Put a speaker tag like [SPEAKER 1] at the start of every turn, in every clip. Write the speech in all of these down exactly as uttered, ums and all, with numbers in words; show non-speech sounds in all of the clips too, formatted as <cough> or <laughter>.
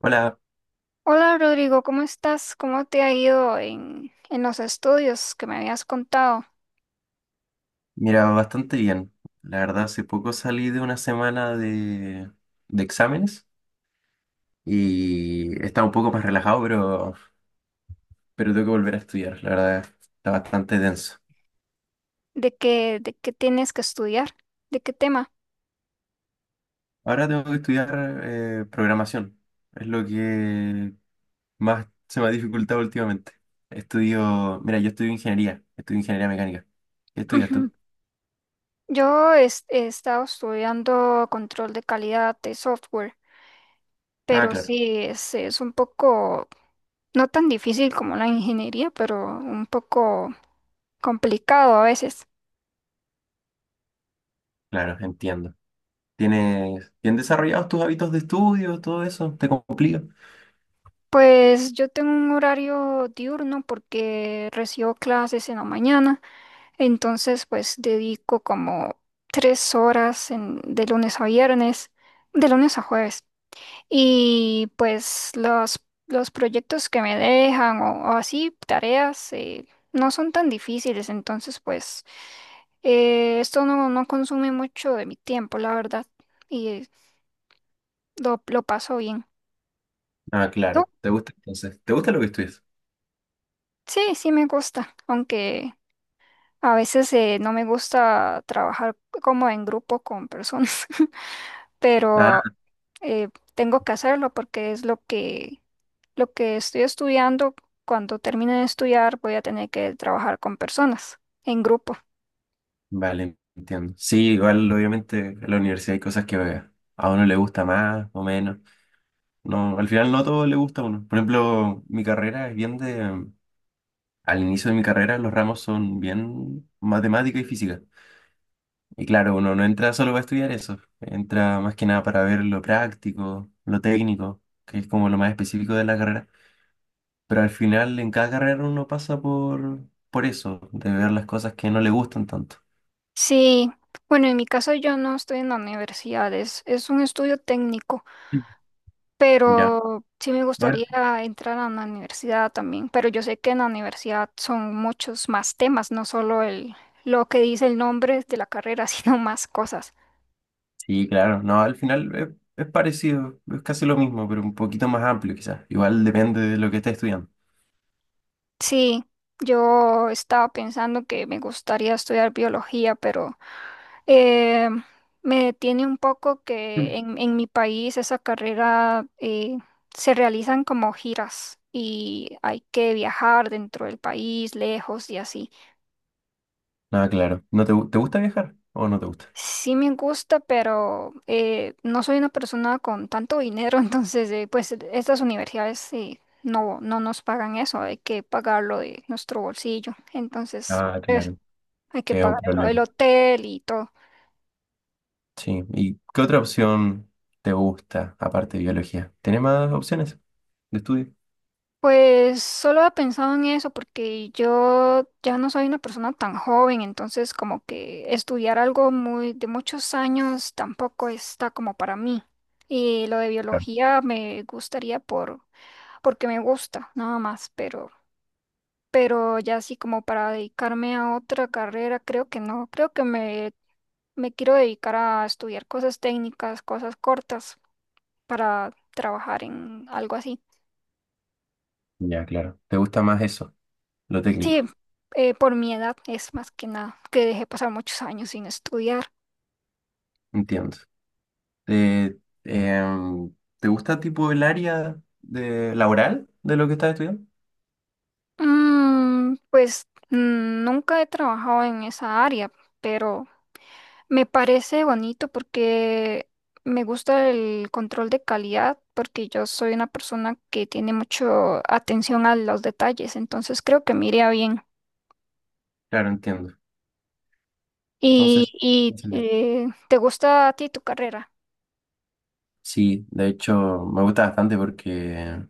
[SPEAKER 1] Hola,
[SPEAKER 2] Hola Rodrigo, ¿cómo estás? ¿Cómo te ha ido en, en los estudios que me habías contado?
[SPEAKER 1] mira, bastante bien. La verdad, hace poco salí de una semana de, de exámenes y estaba un poco más relajado, pero, pero tengo que volver a estudiar. La verdad, está bastante denso.
[SPEAKER 2] ¿De qué, de qué tienes que estudiar? ¿De qué tema?
[SPEAKER 1] Ahora tengo que estudiar eh, programación. Es lo que más se me ha dificultado últimamente. Estudio, mira, yo estudio ingeniería, estudio ingeniería mecánica. ¿Qué estudias
[SPEAKER 2] Ujú.
[SPEAKER 1] tú?
[SPEAKER 2] Yo es- he, estado estudiando control de calidad de software,
[SPEAKER 1] Ah,
[SPEAKER 2] pero
[SPEAKER 1] claro,
[SPEAKER 2] sí, es, es un poco, no tan difícil como la ingeniería, pero un poco complicado a veces.
[SPEAKER 1] claro, entiendo. ¿Tienes bien desarrollados tus hábitos de estudio, todo eso? ¿Te complica?
[SPEAKER 2] Pues yo tengo un horario diurno porque recibo clases en la mañana. Entonces, pues dedico como tres horas en- de lunes a viernes, de lunes a jueves. Y pues los, los proyectos que me dejan o, o así, tareas, eh, no son tan difíciles. Entonces, pues eh, esto no, no consume mucho de mi tiempo, la verdad. Y eh, lo, lo paso bien.
[SPEAKER 1] Ah,
[SPEAKER 2] ¿Tú?
[SPEAKER 1] claro. ¿Te gusta entonces? ¿Te gusta lo que estudias?
[SPEAKER 2] Sí, sí me gusta, aunque a veces eh, no me gusta trabajar como en grupo con personas. <laughs>
[SPEAKER 1] Ah,
[SPEAKER 2] Pero eh, tengo que hacerlo porque es lo que, lo que estoy estudiando. Cuando termine de estudiar voy a tener que trabajar con personas en grupo.
[SPEAKER 1] vale, entiendo. Sí, igual obviamente en la universidad hay cosas que a uno le gusta más o menos. No, al final no todo le gusta a uno. Por ejemplo, mi carrera es bien de... Al inicio de mi carrera los ramos son bien matemática y física. Y claro, uno no entra solo para estudiar eso. Entra más que nada para ver lo práctico, lo técnico, que es como lo más específico de la carrera. Pero al final en cada carrera uno pasa por, por eso, de ver las cosas que no le gustan tanto.
[SPEAKER 2] Sí, bueno, en mi caso yo no estoy en la universidad, es, es un estudio técnico,
[SPEAKER 1] Ya.
[SPEAKER 2] pero sí me
[SPEAKER 1] Bueno,
[SPEAKER 2] gustaría entrar a una universidad también, pero yo sé que en la universidad son muchos más temas, no solo el, lo que dice el nombre de la carrera, <laughs> sino más cosas.
[SPEAKER 1] sí, claro. No, al final es, es parecido, es casi lo mismo, pero un poquito más amplio quizás. Igual depende de lo que estés estudiando.
[SPEAKER 2] Sí, yo estaba pensando que me gustaría estudiar biología, pero eh, me detiene un poco
[SPEAKER 1] Mm.
[SPEAKER 2] que en, en mi país esa carrera eh, se realizan como giras y hay que viajar dentro del país, lejos y así.
[SPEAKER 1] Ah, claro. ¿No te, gu- te gusta viajar o no te gusta?
[SPEAKER 2] Sí me gusta, pero eh, no soy una persona con tanto dinero, <laughs> entonces eh, pues estas universidades eh, no, no nos pagan eso, hay que pagarlo de nuestro bolsillo. Entonces
[SPEAKER 1] Ah,
[SPEAKER 2] pues,
[SPEAKER 1] claro.
[SPEAKER 2] hay que
[SPEAKER 1] Sí, es un
[SPEAKER 2] pagar el, el
[SPEAKER 1] problema.
[SPEAKER 2] hotel y todo.
[SPEAKER 1] Sí. ¿Y qué otra opción te gusta aparte de biología? ¿Tienes más opciones de estudio?
[SPEAKER 2] Pues solo he pensado en eso porque yo ya no soy una persona tan joven, entonces como que estudiar algo muy de muchos años tampoco está como para mí. Y lo de
[SPEAKER 1] Claro.
[SPEAKER 2] biología me gustaría por porque me gusta, nada más, pero pero ya así como para dedicarme a otra carrera, creo que no. Creo que me me quiero dedicar a estudiar cosas técnicas, cosas cortas para trabajar en algo así.
[SPEAKER 1] Ya, claro. ¿Te gusta más eso, lo
[SPEAKER 2] Sí,
[SPEAKER 1] técnico?
[SPEAKER 2] eh, por mi edad es más que nada, que dejé pasar muchos años sin estudiar.
[SPEAKER 1] Entiendo. ¿Te, em, ¿te gusta tipo el área de laboral de lo que estás estudiando?
[SPEAKER 2] Mm, pues mm, nunca he trabajado en esa área, pero me parece bonito porque me gusta el control de calidad, porque yo soy una persona que tiene mucho atención a los detalles, entonces creo que me iría bien.
[SPEAKER 1] Claro, entiendo.
[SPEAKER 2] ¿Y,
[SPEAKER 1] Entonces,
[SPEAKER 2] y
[SPEAKER 1] genial.
[SPEAKER 2] eh, te gusta a ti tu carrera?
[SPEAKER 1] Sí, de hecho me gusta bastante porque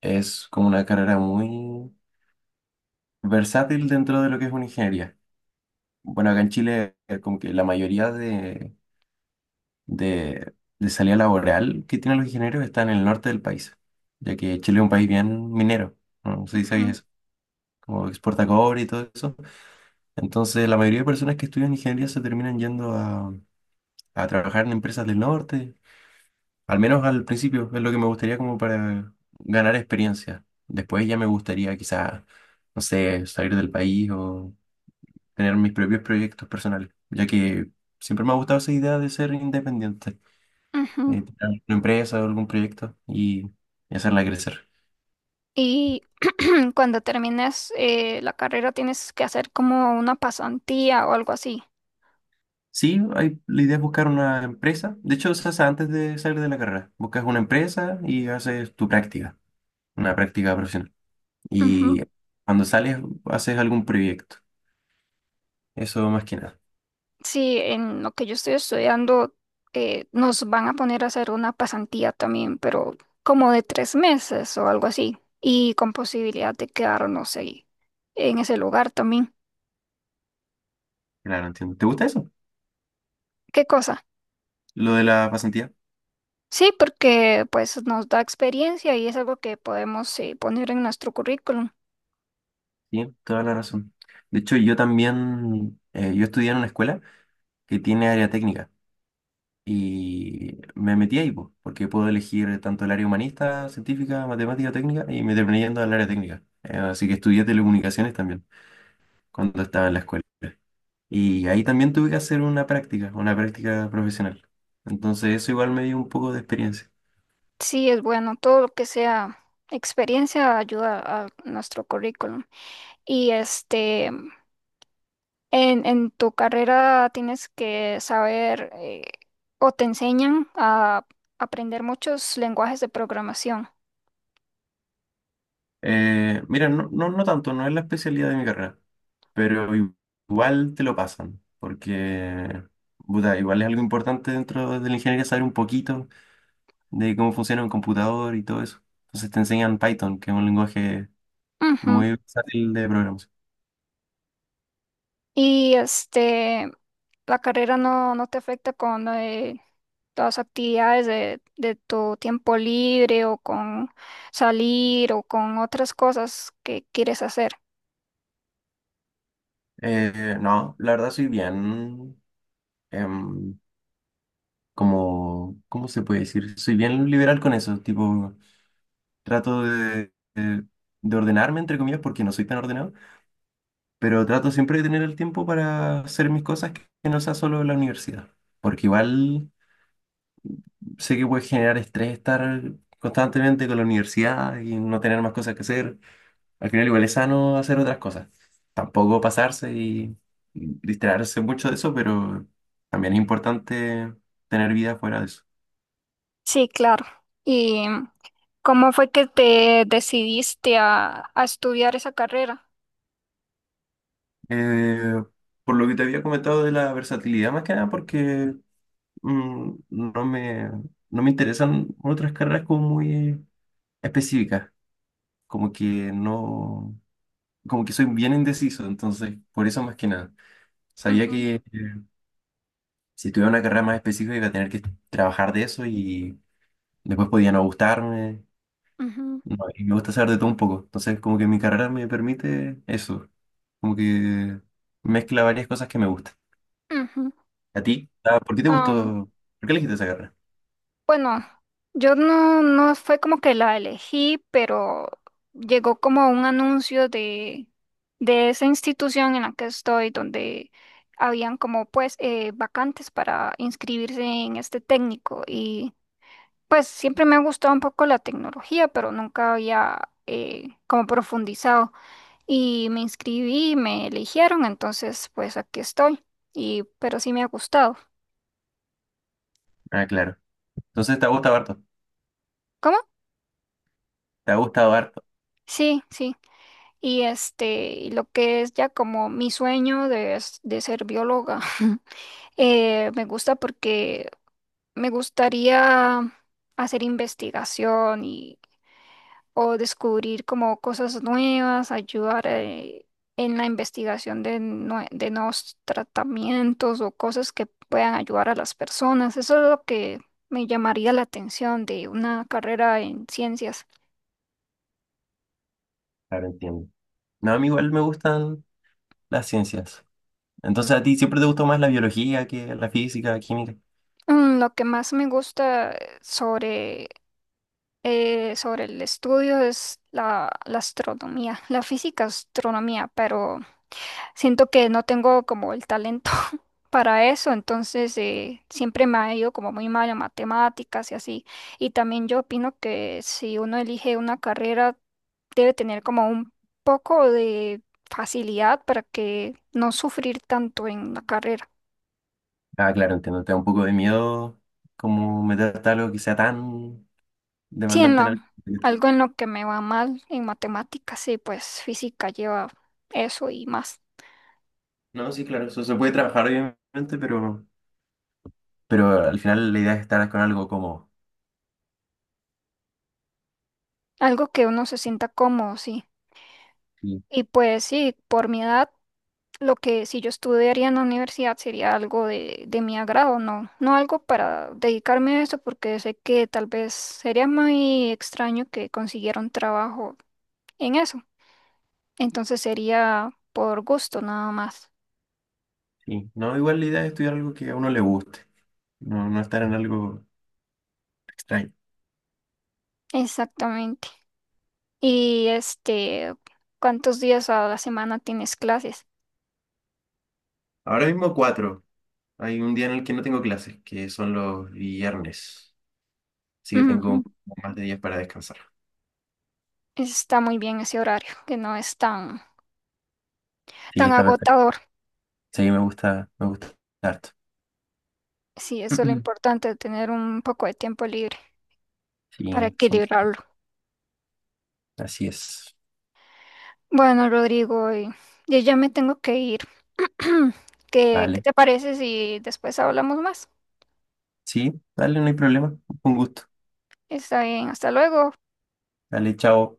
[SPEAKER 1] es como una carrera muy versátil dentro de lo que es una ingeniería. Bueno, acá en Chile eh, como que la mayoría de, de, de salida laboral que tienen los ingenieros está en el norte del país, ya que Chile es un país bien minero, no, no sé si sabéis
[SPEAKER 2] Ujú,
[SPEAKER 1] eso, como exporta cobre y todo eso. Entonces, la mayoría de personas que estudian ingeniería se terminan yendo a, a trabajar en empresas del norte. Al menos al principio es lo que me gustaría como para ganar experiencia. Después ya me gustaría quizás, no sé, salir del país o tener mis propios proyectos personales, ya que siempre me ha gustado esa idea de ser independiente,
[SPEAKER 2] ujú.
[SPEAKER 1] eh, tener una empresa o algún proyecto y, y hacerla crecer.
[SPEAKER 2] Y <clears throat> cuando termines eh, la carrera tienes que hacer como una pasantía o algo así.
[SPEAKER 1] Sí, hay, la idea es buscar una empresa. De hecho, se hace antes de salir de la carrera. Buscas una empresa y haces tu práctica, una práctica profesional. Y
[SPEAKER 2] Ujú.
[SPEAKER 1] cuando sales, haces algún proyecto. Eso más que nada.
[SPEAKER 2] Sí, en lo que yo estoy estudiando eh, nos van a poner a hacer una pasantía también, pero como de tres meses o algo así. Y con posibilidad de quedarnos ahí en ese lugar también.
[SPEAKER 1] Claro, entiendo. ¿Te gusta eso?
[SPEAKER 2] ¿Qué cosa?
[SPEAKER 1] Lo de la pasantía.
[SPEAKER 2] Sí, porque pues nos da experiencia y es algo que podemos eh, poner en nuestro currículum.
[SPEAKER 1] Sí, toda la razón. De hecho, yo también, eh, yo estudié en una escuela que tiene área técnica y me metí ahí, po, porque puedo elegir tanto el área humanista, científica, matemática, técnica y me terminé yendo al área técnica. Eh, así que estudié telecomunicaciones también cuando estaba en la escuela. Y ahí también tuve que hacer una práctica, una práctica profesional. Entonces eso igual me dio un poco de experiencia.
[SPEAKER 2] Sí, es bueno, todo lo que sea experiencia ayuda a nuestro currículum. Y este, en, en tu carrera tienes que saber eh, o te enseñan a aprender muchos lenguajes de programación.
[SPEAKER 1] Eh, mira, no, no, no tanto, no es la especialidad de mi carrera, pero i- igual te lo pasan, porque puta, igual es algo importante dentro de la ingeniería saber un poquito de cómo funciona un computador y todo eso. Entonces te enseñan Python, que es un lenguaje
[SPEAKER 2] Ujú.
[SPEAKER 1] muy versátil de programación.
[SPEAKER 2] Y este, la carrera no, no te afecta con eh, las actividades de, de tu tiempo libre o con salir o con otras cosas que quieres hacer.
[SPEAKER 1] Eh, no, la verdad soy bien, em, como, ¿cómo se puede decir? Soy bien liberal con eso, tipo, trato de, de de ordenarme, entre comillas, porque no soy tan ordenado, pero trato siempre de tener el tiempo para hacer mis cosas, que que no sea solo la universidad, porque igual sé que puede generar estrés estar constantemente con la universidad y no tener más cosas que hacer. Al final igual es sano hacer otras cosas. Tampoco pasarse y y distraerse mucho de eso, pero también es importante tener vida fuera de eso.
[SPEAKER 2] Sí, claro. ¿Y cómo fue que te decidiste a, a estudiar esa carrera?
[SPEAKER 1] Eh, por lo que te había comentado de la versatilidad, más que nada porque mm, no me, no me interesan otras carreras como muy específicas. Como que no, como que soy bien indeciso, entonces, por eso más que nada. Sabía
[SPEAKER 2] Ujú,
[SPEAKER 1] que eh, si tuviera una carrera más específica iba a tener que trabajar de eso y después podía no gustarme,
[SPEAKER 2] ujú,
[SPEAKER 1] no, y me gusta saber de todo un poco, entonces como que mi carrera me permite eso, como que mezcla varias cosas que me gustan.
[SPEAKER 2] ujú.
[SPEAKER 1] ¿A ti? Ah, ¿por qué te
[SPEAKER 2] Am,
[SPEAKER 1] gustó? ¿Por qué elegiste esa carrera?
[SPEAKER 2] bueno, yo no, no fue como que la elegí, pero llegó como un anuncio de, de esa institución en la que estoy, donde habían como pues eh, vacantes para inscribirse en este técnico y pues siempre me ha gustado un poco la tecnología, pero nunca había eh, como profundizado. Y me inscribí, me eligieron, entonces pues aquí estoy. Y pero sí me ha gustado.
[SPEAKER 1] Ah, claro. Entonces te ha gustado harto,
[SPEAKER 2] ¿Cómo?
[SPEAKER 1] te ha gustado harto.
[SPEAKER 2] Sí, sí. Y este, y lo que es ya como mi sueño de, s- de ser bióloga, <laughs> eh, me gusta porque me gustaría hacer investigación y o descubrir como cosas nuevas, ayudar eh, en la investigación de, nue- de nuevos tratamientos o cosas que puedan ayudar a las personas. Eso es lo que me llamaría la atención de una carrera en ciencias.
[SPEAKER 1] Ahora entiendo. No, a mí igual me gustan las ciencias. Entonces, ¿a ti siempre te gustó más la biología que la física, la química?
[SPEAKER 2] Mm, lo que más me gusta eh, sobre, eh, sobre el estudio es la, la astronomía, la física astronomía, pero siento que no tengo como el talento <laughs> para eso, entonces eh, siempre me ha ido como muy mal en matemáticas y así. Y también yo opino que si uno elige una carrera, debe tener como un poco de facilidad para que no sufrir tanto en la carrera.
[SPEAKER 1] Ah, claro, entiendo. Te da un poco de miedo como meterte a algo que sea tan
[SPEAKER 2] Sí, en lo,
[SPEAKER 1] demandante en algo.
[SPEAKER 2] algo en lo que me va mal en matemáticas, sí, pues física lleva eso y más.
[SPEAKER 1] No, sí, claro, eso se puede trabajar, obviamente, pero, pero al final la idea es estar con algo como...
[SPEAKER 2] Algo que uno se sienta cómodo, sí.
[SPEAKER 1] Sí.
[SPEAKER 2] Y pues sí, por mi edad. Lo que si yo estudiaría en la universidad sería algo de, de mi agrado, no, no algo para dedicarme a eso, porque sé que tal vez sería muy extraño que consiguiera un trabajo en eso. Entonces sería por gusto nada más.
[SPEAKER 1] Sí. No, igual la idea es estudiar algo que a uno le guste, no, no estar en algo extraño.
[SPEAKER 2] Exactamente. Y este, ¿cuántos días a la semana tienes clases?
[SPEAKER 1] Ahora mismo cuatro. Hay un día en el que no tengo clases, que son los viernes. Así que
[SPEAKER 2] Ujú.
[SPEAKER 1] tengo más de días para descansar.
[SPEAKER 2] Está muy bien ese horario, que no es tan,
[SPEAKER 1] Sí,
[SPEAKER 2] tan
[SPEAKER 1] está perfecto.
[SPEAKER 2] agotador.
[SPEAKER 1] Sí, me gusta, me gusta harto.
[SPEAKER 2] Sí, eso es lo
[SPEAKER 1] <clears throat>
[SPEAKER 2] importante, tener un poco de tiempo libre para
[SPEAKER 1] Sí, son-
[SPEAKER 2] equilibrarlo.
[SPEAKER 1] así es.
[SPEAKER 2] Bueno, Rodrigo, y- yo ya me tengo que ir. <clears throat> ¿Qué, qué
[SPEAKER 1] Vale.
[SPEAKER 2] te parece si después hablamos más?
[SPEAKER 1] Sí, dale, no hay problema. Un gusto.
[SPEAKER 2] Está bien, hasta luego.
[SPEAKER 1] Dale, chao.